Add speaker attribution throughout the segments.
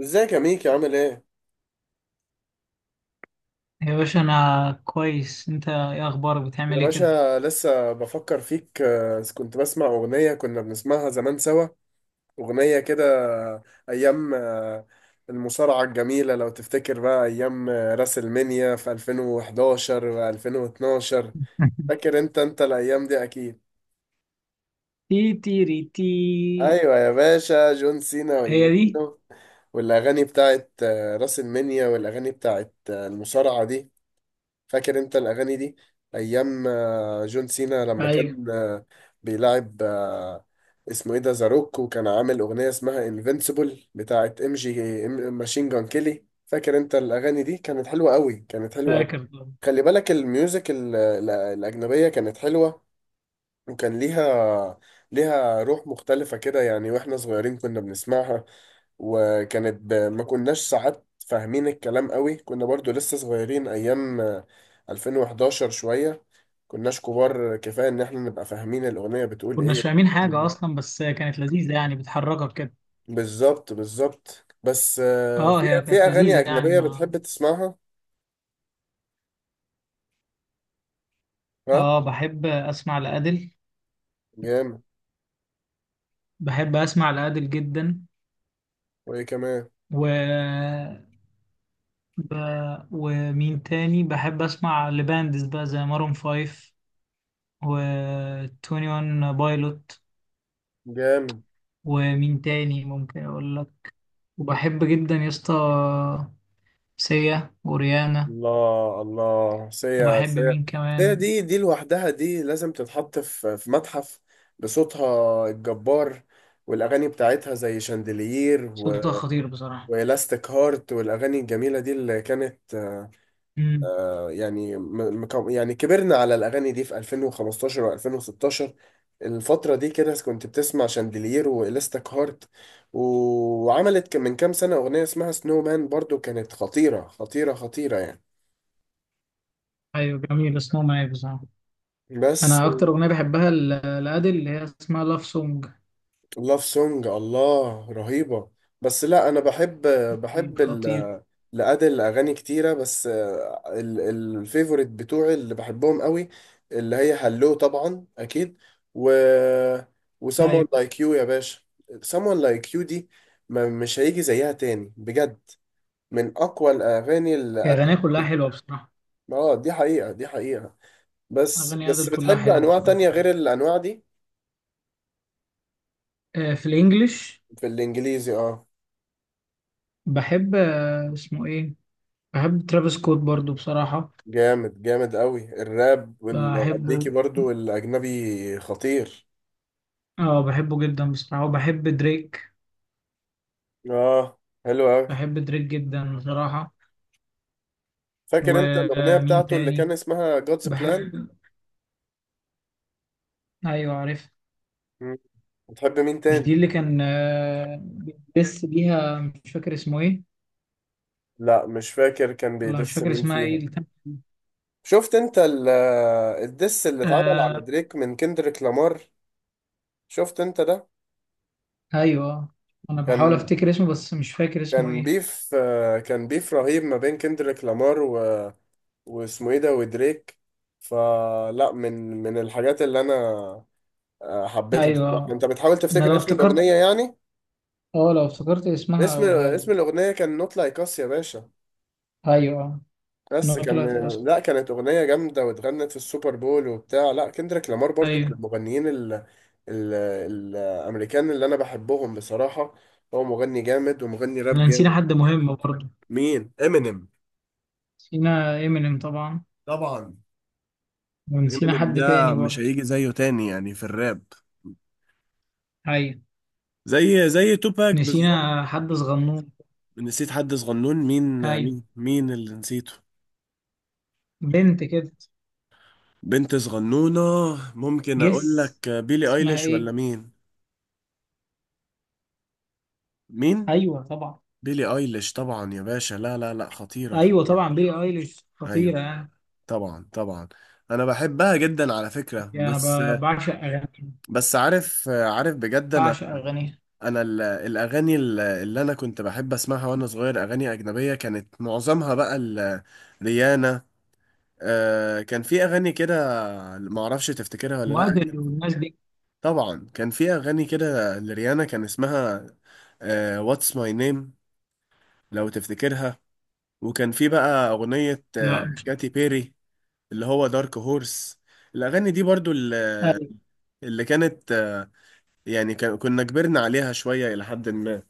Speaker 1: ازيك يا ميكي عامل ايه؟
Speaker 2: يا باشا، انا كويس. انت ايه اخبارك؟
Speaker 1: يا
Speaker 2: بتعمل ايه كده؟
Speaker 1: باشا لسه بفكر فيك. كنت بسمع أغنية كنا بنسمعها زمان سوا. أغنية كده. أيام. المصارعة الجميلة لو تفتكر بقى أيام، راس المنيا في 2011 و 2012. فاكر أنت الأيام دي أكيد.
Speaker 2: تي تيري تي.
Speaker 1: أيوة يا باشا، جون سينا واللي
Speaker 2: هي دي.
Speaker 1: منه. والأغاني بتاعت، راس المنيا، والأغاني بتاعت، المصارعة دي. فاكر انت الاغاني دي، ايام، جون سينا لما
Speaker 2: ايوه،
Speaker 1: كان بيلعب اسمه ايه ده زاروك، وكان عامل اغنيه اسمها انفينسيبل بتاعت ام جي ماشين جان كيلي. فاكر انت الاغاني دي؟ كانت حلوه قوي، كانت حلوه قوي.
Speaker 2: فاكر.
Speaker 1: خلي بالك الميوزك الاجنبيه كانت حلوه، وكان ليها روح مختلفة كده يعني. واحنا صغيرين كنا بنسمعها، وكانت ما كناش ساعات فاهمين الكلام قوي. كنا برضو لسه صغيرين، ايام 2011 شوية، كناش كبار كفاية ان احنا نبقى فاهمين الأغنية بتقول ايه.
Speaker 2: كناش فاهمين حاجه اصلا، بس كانت لذيذه يعني بتحركك كده.
Speaker 1: بالظبط، بالظبط. بس
Speaker 2: اه،
Speaker 1: في
Speaker 2: هي
Speaker 1: في
Speaker 2: كانت
Speaker 1: اغاني
Speaker 2: لذيذه يعني،
Speaker 1: اجنبية
Speaker 2: ما...
Speaker 1: بتحب تسمعها. ها.
Speaker 2: اه، بحب اسمع لأديل.
Speaker 1: جامد.
Speaker 2: بحب اسمع لأديل جدا.
Speaker 1: وايه كمان؟
Speaker 2: و ب... ومين تاني بحب اسمع لباندز بقى، زي مارون فايف و 21 بايلوت.
Speaker 1: جامد.
Speaker 2: ومين تاني ممكن اقول لك. وبحب جدا يا اسطى، سيا وريانا.
Speaker 1: الله، الله. سيا،
Speaker 2: وبحب
Speaker 1: سيا.
Speaker 2: مين
Speaker 1: سيا
Speaker 2: كمان.
Speaker 1: دي لوحدها دي لازم تتحط في متحف، بصوتها الجبار. والأغاني بتاعتها زي شاندلير
Speaker 2: صوتها خطير بصراحة.
Speaker 1: وإلاستيك هارت، والأغاني الجميلة دي اللي كانت،
Speaker 2: امم.
Speaker 1: يعني يعني كبرنا على الأغاني دي في 2015 و2016. الفترة دي كده كنت بتسمع شاندلير وإلاستيك هارت و... وعملت من كام سنة أغنية اسمها سنو مان، برضو كانت خطيرة خطيرة خطيرة يعني.
Speaker 2: ايوه، جميل. اسمه معايا بصراحة.
Speaker 1: بس.
Speaker 2: انا اكتر اغنية بحبها لأديل اللي هي اسمها لاف سونج.
Speaker 1: لاف سونج، الله، رهيبة. بس لا، انا بحب،
Speaker 2: دي
Speaker 1: بحب
Speaker 2: خطير.
Speaker 1: لأدل أغاني كتيرة، بس الفيفوريت بتوعي اللي بحبهم قوي، اللي هي هلو طبعا أكيد، و و someone
Speaker 2: ايوه،
Speaker 1: like you يا باشا. someone like you دي، ما مش هيجي زيها تاني بجد. من أقوى الأغاني اللي
Speaker 2: هي
Speaker 1: أدل.
Speaker 2: اغانيها كلها حلوة بصراحة.
Speaker 1: اه، دي حقيقة، دي حقيقة. بس
Speaker 2: اغاني
Speaker 1: بس
Speaker 2: أديل كلها
Speaker 1: بتحب
Speaker 2: حلوة
Speaker 1: أنواع
Speaker 2: بصراحة.
Speaker 1: تانية غير الأنواع دي؟
Speaker 2: في الانجليش.
Speaker 1: في الإنجليزي، اه.
Speaker 2: بحب اسمه ايه. بحب ترافيس سكوت برضو بصراحة.
Speaker 1: جامد، جامد قوي، الراب والامريكي
Speaker 2: بحبه.
Speaker 1: برضو والاجنبي خطير.
Speaker 2: اه، بحبه جدا بصراحة، وبحب دريك.
Speaker 1: اه، حلو قوي.
Speaker 2: بحب دريك جدا بصراحة.
Speaker 1: فاكر انت الاغنيه
Speaker 2: ومين
Speaker 1: بتاعته اللي
Speaker 2: تاني؟
Speaker 1: كان اسمها جودز بلان؟
Speaker 2: بحب. ايوه، عارف.
Speaker 1: بتحب مين
Speaker 2: مش
Speaker 1: تاني؟
Speaker 2: دي اللي كان بيدس بيها؟ مش فاكر اسمه ايه.
Speaker 1: لا مش فاكر كان
Speaker 2: ولا مش
Speaker 1: بيدس
Speaker 2: فاكر
Speaker 1: مين
Speaker 2: اسمها ايه
Speaker 1: فيها.
Speaker 2: اللي كان.
Speaker 1: شفت انت الدس اللي اتعمل على
Speaker 2: آه.
Speaker 1: دريك من كندريك لامار؟ شفت انت ده؟
Speaker 2: ايوه. انا بحاول
Speaker 1: كان
Speaker 2: افتكر اسمه بس مش فاكر اسمه ايه.
Speaker 1: كان بيف رهيب ما بين كندريك لامار واسمه ايه ده ودريك. فلا من من الحاجات اللي انا حبيتها بصراحة.
Speaker 2: ايوه.
Speaker 1: انت بتحاول
Speaker 2: انا
Speaker 1: تفتكر
Speaker 2: لو
Speaker 1: اسم
Speaker 2: افتكرت
Speaker 1: الأغنية يعني؟
Speaker 2: اه، لو افتكرت اسمها
Speaker 1: اسم
Speaker 2: اقولها
Speaker 1: اسم
Speaker 2: لك.
Speaker 1: الأغنية كان نوت لايك اس يا باشا.
Speaker 2: ايوه،
Speaker 1: بس
Speaker 2: إنها
Speaker 1: كان،
Speaker 2: طلعت اصلا.
Speaker 1: لا كانت أغنية جامدة، واتغنت في السوبر بول وبتاع. لا كندريك لامار برضو من
Speaker 2: ايوه.
Speaker 1: المغنيين ال... الأمريكان اللي أنا بحبهم بصراحة. هو مغني جامد، ومغني راب
Speaker 2: احنا نسينا
Speaker 1: جامد.
Speaker 2: حد مهم برضه.
Speaker 1: مين؟ امينيم؟
Speaker 2: نسينا امينيم طبعا.
Speaker 1: طبعا.
Speaker 2: ونسينا
Speaker 1: امينيم
Speaker 2: حد تاني
Speaker 1: ده مش
Speaker 2: برضه.
Speaker 1: هيجي زيه تاني يعني في الراب،
Speaker 2: ايوه.
Speaker 1: زي توباك بالظبط.
Speaker 2: نسينا حد صغنون.
Speaker 1: نسيت حد صغنون؟ مين؟
Speaker 2: ايوه.
Speaker 1: مين اللي نسيته؟
Speaker 2: بنت كده.
Speaker 1: بنت صغنونة؟ ممكن أقول
Speaker 2: جس.
Speaker 1: لك بيلي
Speaker 2: اسمها
Speaker 1: أيليش
Speaker 2: ايه؟
Speaker 1: ولا مين؟ مين؟
Speaker 2: ايوه، طبعا.
Speaker 1: بيلي أيليش، طبعا يا باشا، لا لا لا، خطيرة،
Speaker 2: ايوه
Speaker 1: خطيرة.
Speaker 2: طبعا، بيلي ايليش
Speaker 1: أيوه،
Speaker 2: خطيره يعني.
Speaker 1: طبعا، طبعا. أنا بحبها جدا على فكرة.
Speaker 2: يعني
Speaker 1: بس،
Speaker 2: انا بعشق اغانيها.
Speaker 1: بس عارف، عارف بجد. أنا
Speaker 2: بعشق اغانيها.
Speaker 1: الأغاني اللي أنا كنت بحب أسمعها وأنا صغير، أغاني أجنبية كانت معظمها بقى ريانا. كان في أغاني كده، معرفش تفتكرها ولا لأ.
Speaker 2: وادل والناس دي.
Speaker 1: طبعا كان في اغاني كده لريانا، كان اسمها واتس ماي نيم، لو تفتكرها. وكان في بقى اغنية،
Speaker 2: لا، مش عارف.
Speaker 1: كاتي بيري، اللي هو دارك هورس. الاغاني دي برضو اللي،
Speaker 2: ايوه،
Speaker 1: اللي كانت، يعني كنا كبرنا عليها شوية الى حد ما.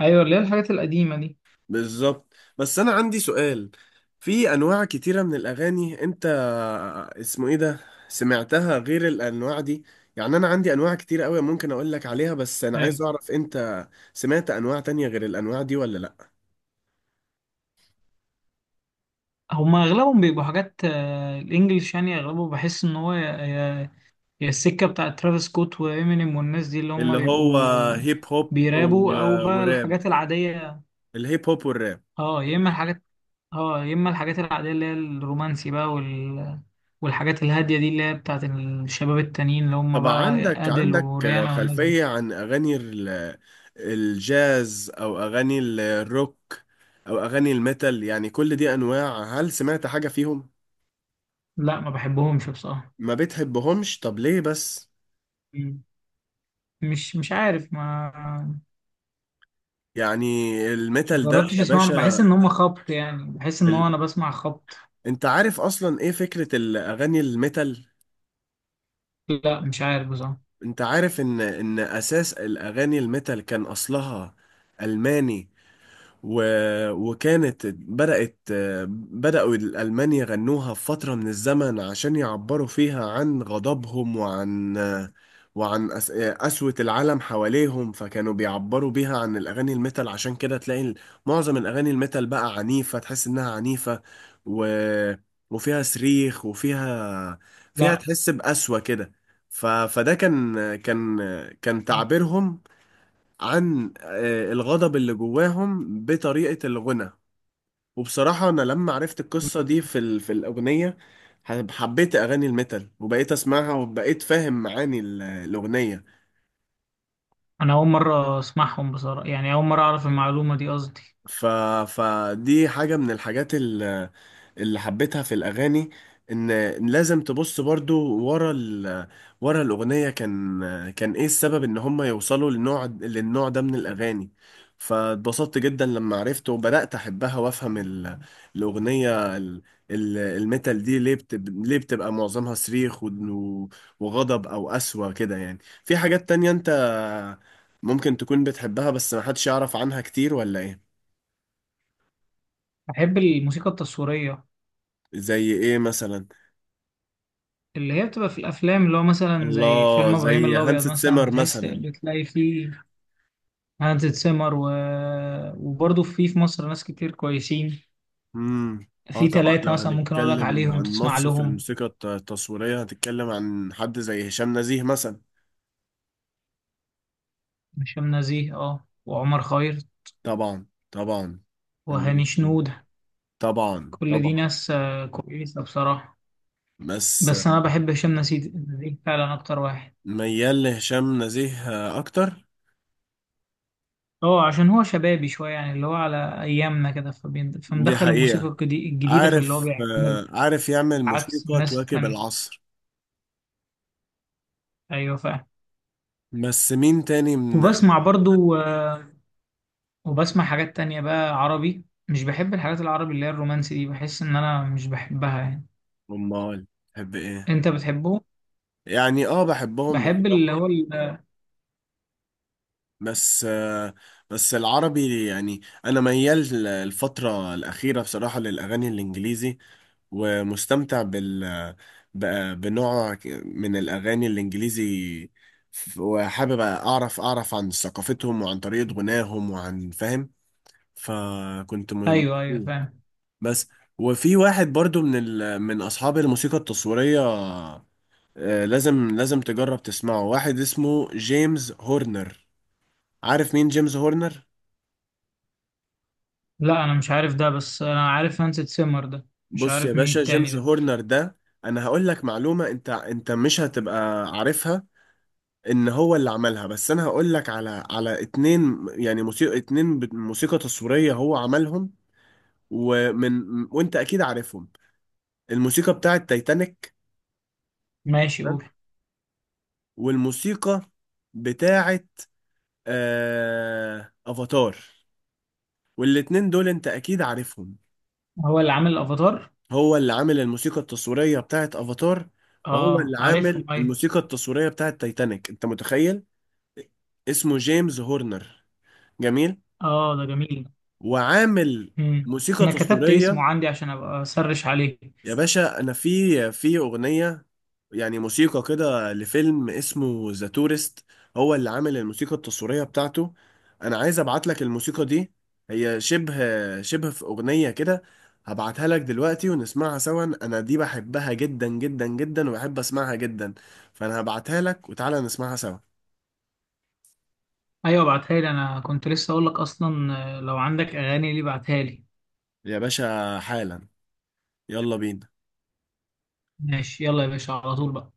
Speaker 2: ايوه، اللي هي الحاجات القديمه دي.
Speaker 1: بالظبط. بس انا عندي سؤال. في انواع كتيرة من الاغاني، انت اسمه ايه ده، سمعتها غير الانواع دي؟ يعني انا عندي انواع كتير قوي ممكن اقول لك عليها، بس انا
Speaker 2: آه،
Speaker 1: عايز اعرف انت سمعت انواع تانية غير الانواع دي ولا لا.
Speaker 2: هما اغلبهم بيبقوا حاجات الانجليش، يعني اغلبه بحس ان هو يا السكه بتاعت ترافيس سكوت وامينيم والناس دي اللي هما
Speaker 1: اللي هو
Speaker 2: بيبقوا.
Speaker 1: هيب هوب
Speaker 2: بيرابوا، او بقى
Speaker 1: وراب،
Speaker 2: الحاجات العاديه.
Speaker 1: الهيب هوب والراب.
Speaker 2: اه يا اما الحاجات اه، يا اما الحاجات العاديه اللي هي الرومانسي بقى والحاجات الهاديه دي اللي هي بتاعت الشباب التانيين اللي هم
Speaker 1: طبعا.
Speaker 2: بقى
Speaker 1: عندك
Speaker 2: ادل
Speaker 1: عندك
Speaker 2: وريانا والناس دي.
Speaker 1: خلفية عن اغاني الجاز، او اغاني الروك، او اغاني الميتال؟ يعني كل دي انواع، هل سمعت حاجة فيهم؟
Speaker 2: لا، ما بحبهمش بصراحه.
Speaker 1: ما بتحبهمش؟ طب ليه بس؟
Speaker 2: مم. مش عارف، ما...
Speaker 1: يعني
Speaker 2: ما
Speaker 1: الميتال ده
Speaker 2: جربتش
Speaker 1: يا
Speaker 2: اسمعهم. بحس
Speaker 1: باشا،
Speaker 2: ان هم خبط، يعني بحس ان هو
Speaker 1: ال...
Speaker 2: انا بسمع خبط.
Speaker 1: انت عارف اصلا ايه فكرة الاغاني الميتال؟
Speaker 2: لا، مش عارف بصراحه.
Speaker 1: انت عارف ان اساس الاغاني الميتال كان اصلها الماني و... وكانت بدأت بدأوا الألمان يغنوها في فترة من الزمن عشان يعبروا فيها عن غضبهم، وعن قسوة العالم حواليهم. فكانوا بيعبروا بيها عن الأغاني الميتال. عشان كده تلاقي معظم الأغاني الميتال بقى عنيفة، تحس إنها عنيفة، و... وفيها صريخ، فيها
Speaker 2: لا،
Speaker 1: تحس بقسوة كده. فده كان تعبيرهم عن، الغضب اللي جواهم بطريقة الغنى. وبصراحة أنا لما عرفت القصة دي في الأغنية، حبيت أغاني الميتال، وبقيت أسمعها، وبقيت فاهم معاني الأغنية.
Speaker 2: انا اول مره اسمعهم بصراحه، يعني اول مره اعرف المعلومه دي، قصدي.
Speaker 1: ف... فدي حاجة من الحاجات اللي حبيتها في الأغاني، إن لازم تبص برضو ورا ورا الأغنية، كان إيه السبب إن هم يوصلوا للنوع ده من الأغاني. فاتبسطت جدا لما عرفت وبدأت أحبها، وأفهم الأغنية الميتال دي ليه ليه بتبقى معظمها صريخ وغضب أو قسوة كده يعني. في حاجات تانية أنت ممكن تكون بتحبها بس محدش يعرف عنها كتير ولا إيه؟
Speaker 2: بحب الموسيقى التصويريه.
Speaker 1: زي ايه مثلا؟
Speaker 2: اللي هي بتبقى في الافلام، اللي هو مثلا زي
Speaker 1: الله،
Speaker 2: فيلم ابراهيم
Speaker 1: زي
Speaker 2: الابيض
Speaker 1: هانس
Speaker 2: مثلا،
Speaker 1: سيمر
Speaker 2: بتحس
Speaker 1: مثلا.
Speaker 2: بتلاقي فيه. هانز سيمر وبرضه في مصر ناس كتير كويسين.
Speaker 1: امم. اه
Speaker 2: في
Speaker 1: طبعا،
Speaker 2: 3
Speaker 1: لو
Speaker 2: مثلا ممكن أقول لك
Speaker 1: هنتكلم
Speaker 2: عليهم
Speaker 1: عن
Speaker 2: تسمع
Speaker 1: مصر في
Speaker 2: لهم.
Speaker 1: الموسيقى التصويرية هتتكلم عن حد زي هشام نزيه مثلا.
Speaker 2: هشام نزيه، اه، وعمر خيرت.
Speaker 1: طبعا، طبعا، فنان
Speaker 2: وهاني
Speaker 1: كبير.
Speaker 2: شنودة.
Speaker 1: طبعا،
Speaker 2: كل دي
Speaker 1: طبعا.
Speaker 2: ناس كويسة بصراحة.
Speaker 1: بس
Speaker 2: بس أنا بحب هشام نزيه فعلا، أكتر واحد.
Speaker 1: ميال لهشام نزيه اكتر.
Speaker 2: اه، عشان هو شبابي شوية يعني اللي هو على أيامنا كده،
Speaker 1: دي
Speaker 2: فمدخل الموسيقى
Speaker 1: حقيقة.
Speaker 2: الجديدة في اللي هو
Speaker 1: عارف
Speaker 2: بيعمله.
Speaker 1: آه، عارف يعمل
Speaker 2: عكس
Speaker 1: موسيقى
Speaker 2: الناس
Speaker 1: تواكب
Speaker 2: التانية.
Speaker 1: العصر.
Speaker 2: أيوة، فعلا.
Speaker 1: بس مين تاني من.
Speaker 2: وبسمع برضو وبسمع حاجات تانية بقى عربي، مش بحب الحاجات العربي اللي هي الرومانسي دي، بحس ان انا مش بحبها يعني.
Speaker 1: امال تحب ايه؟
Speaker 2: انت بتحبه؟
Speaker 1: يعني اه، بحبهم
Speaker 2: بحب اللي
Speaker 1: بصراحة.
Speaker 2: هو
Speaker 1: بس بس العربي، يعني انا ميال الفتره الاخيره بصراحه للاغاني الانجليزي، ومستمتع بنوع من الاغاني الانجليزي. وحابب اعرف عن ثقافتهم وعن طريقه غناهم، وعن، فاهم؟ فكنت
Speaker 2: ايوه، ايوه،
Speaker 1: مبسوط.
Speaker 2: فاهم.
Speaker 1: بس، وفي واحد برضو من اصحاب الموسيقى التصويريه، لازم تجرب تسمعه. واحد اسمه جيمس هورنر. عارف مين جيمس هورنر؟
Speaker 2: لا، انا مش عارف ده، بس انا عارف هانس سيمر ده. مش
Speaker 1: بص يا
Speaker 2: عارف مين
Speaker 1: باشا،
Speaker 2: التاني
Speaker 1: جيمس
Speaker 2: ده.
Speaker 1: هورنر ده، انا هقول لك معلومة انت مش هتبقى عارفها. ان هو اللي عملها. بس انا هقول لك على اتنين، يعني موسيقى اتنين موسيقى تصويرية هو عملهم، ومن وانت اكيد عارفهم. الموسيقى بتاعت تايتانيك،
Speaker 2: ماشي،
Speaker 1: تمام؟
Speaker 2: قول.
Speaker 1: والموسيقى بتاعت افاتار. والاتنين دول انت اكيد عارفهم.
Speaker 2: هو اللي عامل الافاتار؟
Speaker 1: هو اللي عامل الموسيقى التصويرية بتاعت افاتار، وهو
Speaker 2: اه،
Speaker 1: اللي
Speaker 2: عارفهم،
Speaker 1: عامل
Speaker 2: ايوه.
Speaker 1: الموسيقى التصويرية بتاعت تايتانيك. انت متخيل؟ اسمه جيمس هورنر. جميل.
Speaker 2: اه، ده جميل.
Speaker 1: وعامل
Speaker 2: امم.
Speaker 1: موسيقى
Speaker 2: انا كتبت اسمه
Speaker 1: تصويرية.
Speaker 2: عندي عشان ابقى اسرش عليه.
Speaker 1: يا باشا انا في اغنية، يعني موسيقى كده لفيلم اسمه ذا تورست، هو اللي عامل الموسيقى التصويرية بتاعته. انا عايز ابعت لك الموسيقى دي. هي شبه في اغنية كده. هبعتها لك دلوقتي ونسمعها سوا. انا دي بحبها جدا جدا جدا، وبحب اسمعها جدا. فانا هبعتها لك وتعالى نسمعها سوا.
Speaker 2: ايوه، ابعتها لي، انا كنت لسه اقول لك اصلا لو عندك اغاني ليه بعتها لي.
Speaker 1: يا باشا حالا، يلا بينا.
Speaker 2: ماشي، يلا يا باشا، على طول بقى.